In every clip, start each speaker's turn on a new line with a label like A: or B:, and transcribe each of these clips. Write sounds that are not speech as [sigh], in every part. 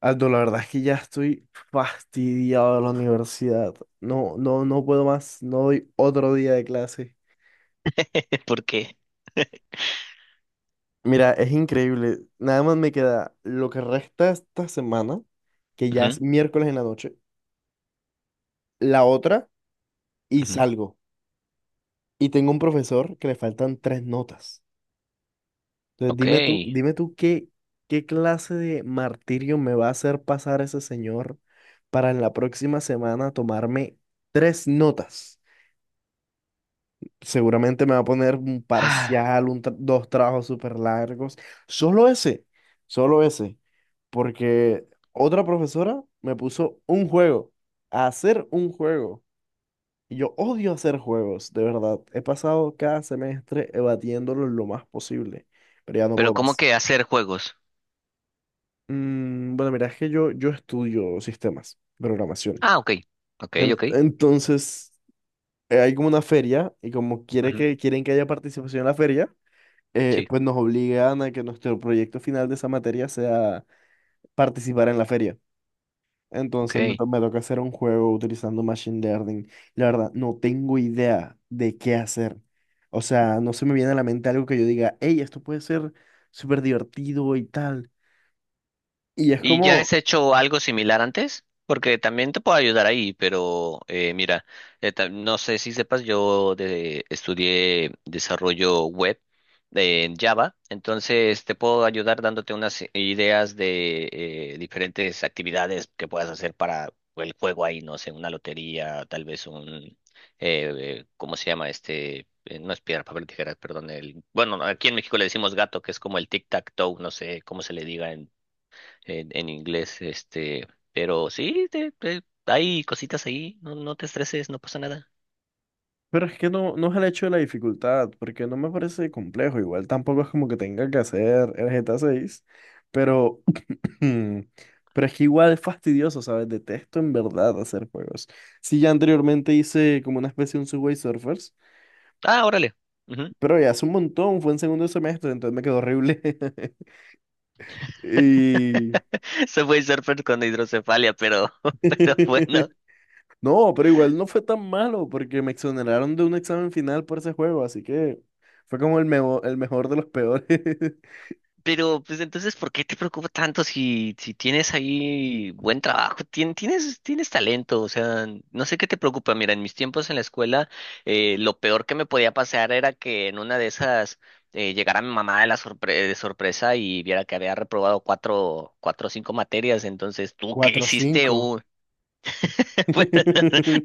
A: Aldo, la verdad es que ya estoy fastidiado de la universidad. No, no, no puedo más. No doy otro día de clase.
B: Porque.
A: Mira, es increíble. Nada más me queda lo que resta esta semana, que ya
B: Ujú,
A: es miércoles en la noche, la otra y
B: ujú.
A: salgo. Y tengo un profesor que le faltan 3 notas. Entonces,
B: Ok.
A: dime tú qué, qué clase de martirio me va a hacer pasar ese señor para en la próxima semana tomarme 3 notas. Seguramente me va a poner un
B: Ah,
A: parcial, dos trabajos súper largos. Solo ese, solo ese. Porque otra profesora me puso un juego, a hacer un juego. Y yo odio hacer juegos, de verdad. He pasado cada semestre evadiéndolo lo más posible, pero ya no
B: pero
A: puedo
B: ¿cómo
A: más.
B: que hacer juegos?
A: Mm, bueno, mira, es que yo estudio sistemas, programación.
B: Ah, ok. Ok, ok.
A: Entonces, hay como una feria y como
B: Ujú,
A: quieren que haya participación en la feria.
B: sí,
A: Pues nos obligan a que nuestro proyecto final de esa materia sea participar en la feria.
B: ok.
A: Me toca hacer un juego utilizando Machine Learning. La verdad, no tengo idea de qué hacer. O sea, no se me viene a la mente algo que yo diga, hey, esto puede ser súper divertido y tal. Y es
B: ¿Y ya
A: como,
B: has hecho algo similar antes? Porque también te puedo ayudar ahí, pero mira, no sé si sepas, yo estudié desarrollo web en Java, entonces te puedo ayudar dándote unas ideas de diferentes actividades que puedas hacer para el juego ahí, no sé, una lotería, tal vez un, ¿cómo se llama este? No es piedra, papel, tijeras, perdón. El, bueno, aquí en México le decimos gato, que es como el tic-tac-toe, no sé cómo se le diga en inglés, este, pero sí, hay cositas ahí, no, no te estreses, no pasa nada.
A: pero es que no, no es el hecho de la dificultad, porque no me parece complejo. Igual tampoco es como que tenga que hacer el GTA 6, pero Hmm, pero es que igual es fastidioso, ¿sabes? Detesto en verdad hacer juegos. Sí, ya anteriormente hice como una especie de un Subway Surfers,
B: Ah, órale. Ujú.
A: pero ya hace un montón, fue en segundo semestre, entonces me quedó horrible. [laughs] Y...
B: [laughs] Se fue surfer con hidrocefalia, pero, [laughs] pero bueno,
A: [laughs] No, pero igual no fue tan malo porque me exoneraron de un examen final por ese juego, así que fue como el mejor de los peores. [laughs]
B: pero, pues entonces, ¿por qué te preocupa tanto si, tienes ahí buen trabajo? Tienes talento, o sea, no sé qué te preocupa. Mira, en mis tiempos en la escuela, lo peor que me podía pasar era que en una de esas llegara mi mamá de la de sorpresa y viera que había reprobado cuatro, cuatro o cinco materias. Entonces, ¿tú qué
A: cuatro
B: hiciste?
A: cinco
B: [laughs] Bueno,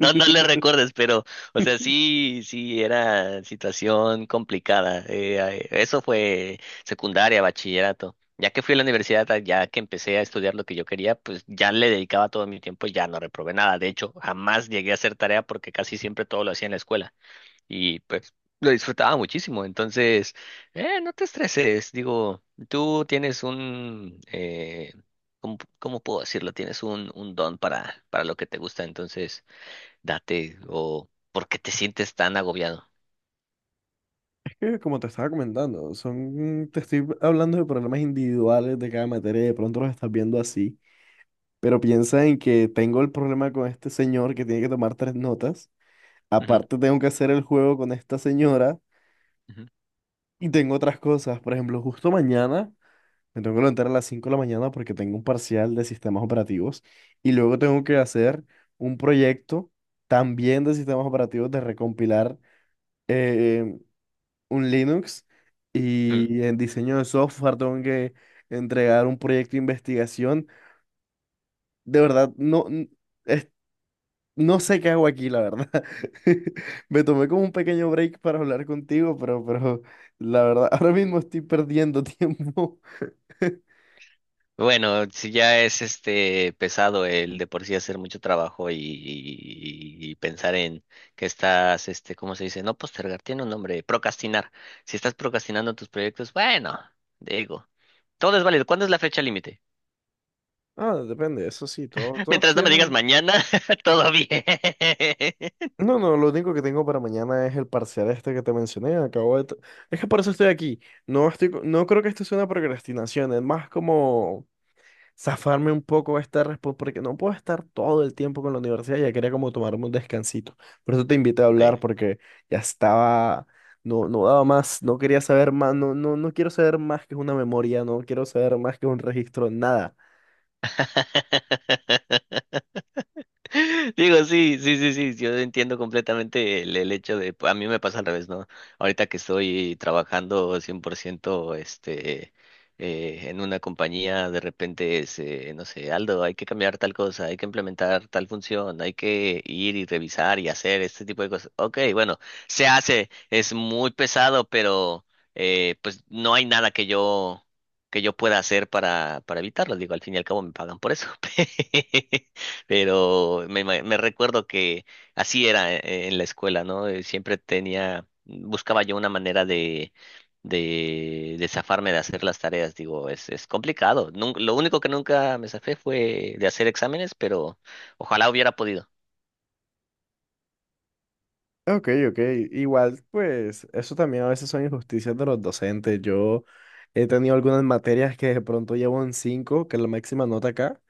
B: no, no le recuerdes, pero, o sea, sí, sí, era situación complicada. Ay, eso fue secundaria, bachillerato. Ya que fui a la universidad, ah, ya que empecé a estudiar lo que yo quería, pues ya le dedicaba todo mi tiempo y ya no reprobé nada. De hecho, jamás llegué a hacer tarea porque casi siempre todo lo hacía en la escuela y pues lo disfrutaba muchísimo. Entonces, no te estreses, digo, tú tienes un, ¿cómo puedo decirlo? Tienes un don para lo que te gusta, entonces date o ¿por qué te sientes tan agobiado?
A: Que como te estaba comentando, son, te estoy hablando de problemas individuales de cada materia y de pronto los estás viendo así, pero piensa en que tengo el problema con este señor que tiene que tomar 3 notas,
B: Ujú,
A: aparte tengo que hacer el juego con esta señora
B: ujú,
A: y tengo otras cosas, por ejemplo, justo mañana me tengo que levantar a las 5 de la mañana porque tengo un parcial de sistemas operativos y luego tengo que hacer un proyecto también de sistemas operativos de recompilar. eh, un Linux,
B: ujú.
A: y en diseño de software tengo que entregar un proyecto de investigación. De verdad, es- no sé qué hago aquí, la verdad. [laughs] Me tomé como un pequeño break para hablar contigo, pero la verdad, [laughs] ahora mismo estoy perdiendo tiempo. [laughs]
B: Bueno, si ya es este pesado el de por sí hacer mucho trabajo y pensar en que estás, este, ¿cómo se dice? No postergar, tiene un nombre, procrastinar. Si estás procrastinando tus proyectos, bueno, digo, todo es válido. ¿Cuándo es la fecha límite?
A: Ah, depende, eso sí, todos,
B: [laughs]
A: todos
B: Mientras no me digas
A: tienen.
B: mañana, [laughs] todo bien. [laughs]
A: No, no, lo único que tengo para mañana es el parcial este que te mencioné. Es que por eso estoy aquí. No creo que esto sea una procrastinación, es más como zafarme un poco esta respuesta, porque no puedo estar todo el tiempo con la universidad, ya quería como tomarme un descansito. Por eso te invité a
B: Ok.
A: hablar, porque ya estaba, no, no daba más, no quería saber más, no, no, no quiero saber más que una memoria, no quiero saber más que un registro, nada.
B: [laughs] Digo, sí, sí, sí, sí, yo entiendo completamente el hecho de, a mí me pasa al revés, ¿no? Ahorita que estoy trabajando 100% este, en una compañía, de repente es, no sé, Aldo, hay que cambiar tal cosa, hay que implementar tal función, hay que ir y revisar y hacer este tipo de cosas. Ok, bueno, se hace, es muy pesado, pero pues no hay nada que yo pueda hacer para evitarlo. Digo, al fin y al cabo me pagan por eso. [laughs] Pero me recuerdo que así era en la escuela, ¿no? Siempre tenía, buscaba yo una manera de zafarme de hacer las tareas. Digo, es complicado. Nun- lo único que nunca me zafé fue de hacer exámenes, pero ojalá hubiera podido.
A: Ok, ok, igual, pues eso también a veces son injusticias de los docentes. Yo he tenido algunas materias que de pronto llevo en 5 que es la máxima nota acá,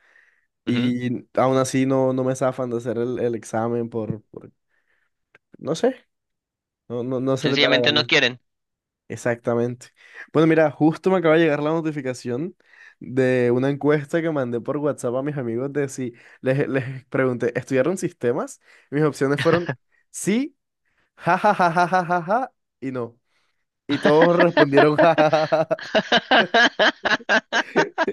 B: Ujú.
A: y aún así no, no me zafan de hacer el examen por, no sé, no, no, no se le da la
B: Sencillamente no
A: gana.
B: quieren.
A: Exactamente. Bueno, mira, justo me acaba de llegar la notificación de una encuesta que mandé por WhatsApp a mis amigos de si les pregunté, ¿estudiaron sistemas? Mis opciones fueron sí, ja, ja, ja, ja, ja, ja, ja, y no. Y todos respondieron [laughs] ja, ja, ja, ja, ja.
B: [laughs]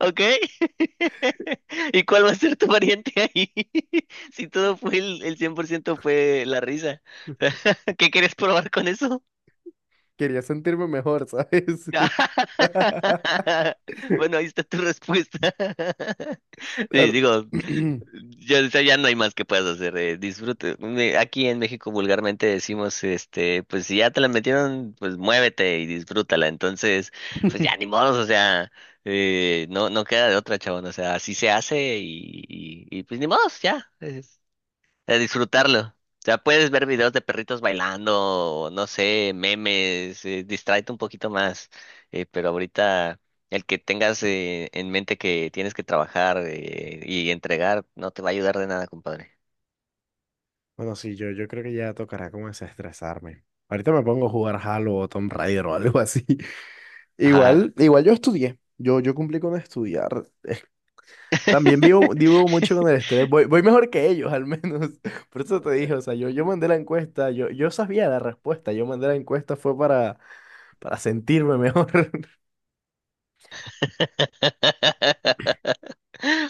B: ¿Ok? [laughs] ¿Y cuál va a ser tu variante ahí? [laughs] Si todo fue el 100% fue la risa. [laughs] ¿Qué quieres probar con eso?
A: [laughs] Quería sentirme mejor, ¿sabes? [laughs]
B: [laughs] Bueno, ahí
A: [laughs]
B: está tu respuesta. [laughs] Sí,
A: Ar-
B: digo,
A: [clears throat]
B: ya, o sea, ya no hay más que puedas hacer, disfrute. Me- Aquí en México vulgarmente decimos, este, pues si ya te la metieron, pues muévete y disfrútala. Entonces, pues ya ni modos, o sea, no, no queda de otra, chabón. O sea, así se hace y, pues ni modos, ya de disfrutarlo. O sea, puedes ver videos de perritos bailando, o no sé, memes, distráete un poquito más. Pero ahorita el que tengas en mente que tienes que trabajar y entregar no te va a ayudar de nada, compadre.
A: Bueno, sí, yo creo que ya tocará como desestresarme. Ahorita me pongo a jugar Halo o Tomb Raider o algo así. [laughs]
B: Ajá.
A: Igual, igual yo estudié. Yo cumplí con estudiar. También vivo, vivo mucho con el
B: [laughs]
A: estrés. Voy, voy mejor que ellos, al menos. [laughs] Por eso te dije, o sea, yo mandé la encuesta, yo sabía la respuesta. Yo mandé la encuesta fue para sentirme mejor. [laughs]
B: [laughs]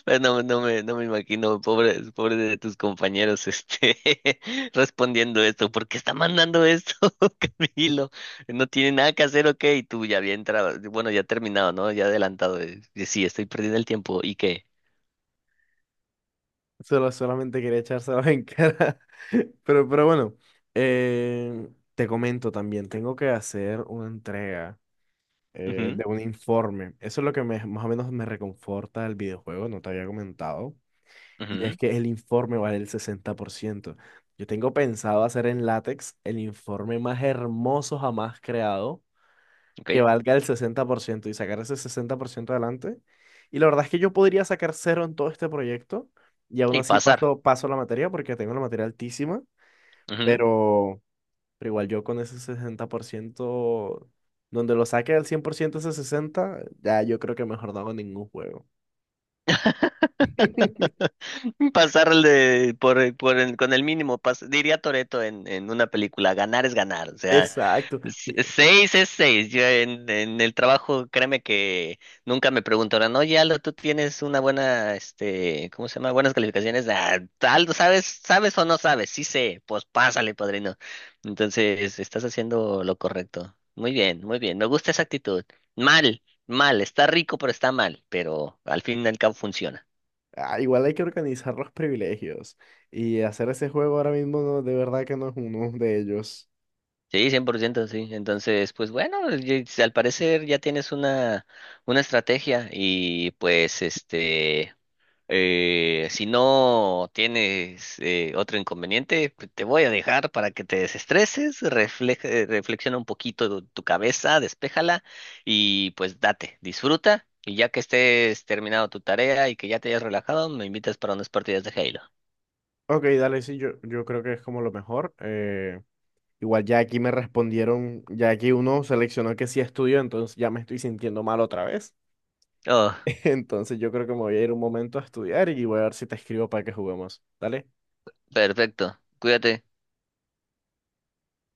B: Pues no, no me imagino, pobre, pobre de tus compañeros, este, [laughs] respondiendo esto, ¿por qué está mandando esto, [laughs] Camilo? No tiene nada que hacer, ok, y tú ya bien, bueno, ya terminado, ¿no? Ya adelantado, de sí, estoy perdiendo el tiempo, ¿y qué?
A: Solo, solamente quería echárselos en cara. [laughs] Pero bueno, eh, te comento también, tengo que hacer una entrega.
B: Ujú,
A: De un informe. Eso es lo que más o menos me reconforta del videojuego, no te había comentado. Y
B: ujú,
A: es que el informe vale el 60%. Yo tengo pensado hacer en látex el informe más hermoso jamás creado,
B: ok,
A: que valga el 60% y sacar ese 60% adelante. Y la verdad es que yo podría sacar cero en todo este proyecto y aún
B: y
A: así
B: pasar.
A: paso, paso la materia porque tengo la materia altísima,
B: Ujú.
A: pero... Pero igual yo con ese 60% donde lo saque al 100% ese sesenta ya yo creo que mejor no hago ningún juego. [laughs]
B: [laughs] [laughs] Pasarle con el mínimo, diría Toretto en una película, ganar es ganar, o sea,
A: Exacto. Y-
B: seis es seis. Yo en el trabajo, créeme que nunca me preguntaron, oye Aldo, tú tienes una buena, este, ¿cómo se llama? Buenas calificaciones, ah, Aldo, ¿sabes o no sabes? Sí sé, pues pásale, padrino. Entonces, estás haciendo lo correcto. Muy bien, me gusta esa actitud. Mal, mal, está rico, pero está mal, pero al fin y al cabo funciona.
A: ah, igual hay que organizar los privilegios. Y hacer ese juego ahora mismo de verdad que no es uno de ellos.
B: Sí, 100%, sí. Entonces, pues bueno, si al parecer ya tienes una estrategia y pues este, si no tienes otro inconveniente, pues, te voy a dejar para que te desestreses, reflexiona un poquito tu cabeza, despéjala y pues date, disfruta y ya que estés terminado tu tarea y que ya te hayas relajado, me invitas para unas partidas de Halo.
A: Ok, dale, sí, yo creo que es como lo mejor. Igual ya aquí me respondieron, ya aquí uno seleccionó que sí estudio, entonces ya me estoy sintiendo mal otra vez.
B: Oh,
A: [laughs] Entonces yo creo que me voy a ir un momento a estudiar y voy a ver si te escribo para que juguemos. Dale.
B: perfecto. Cuídate.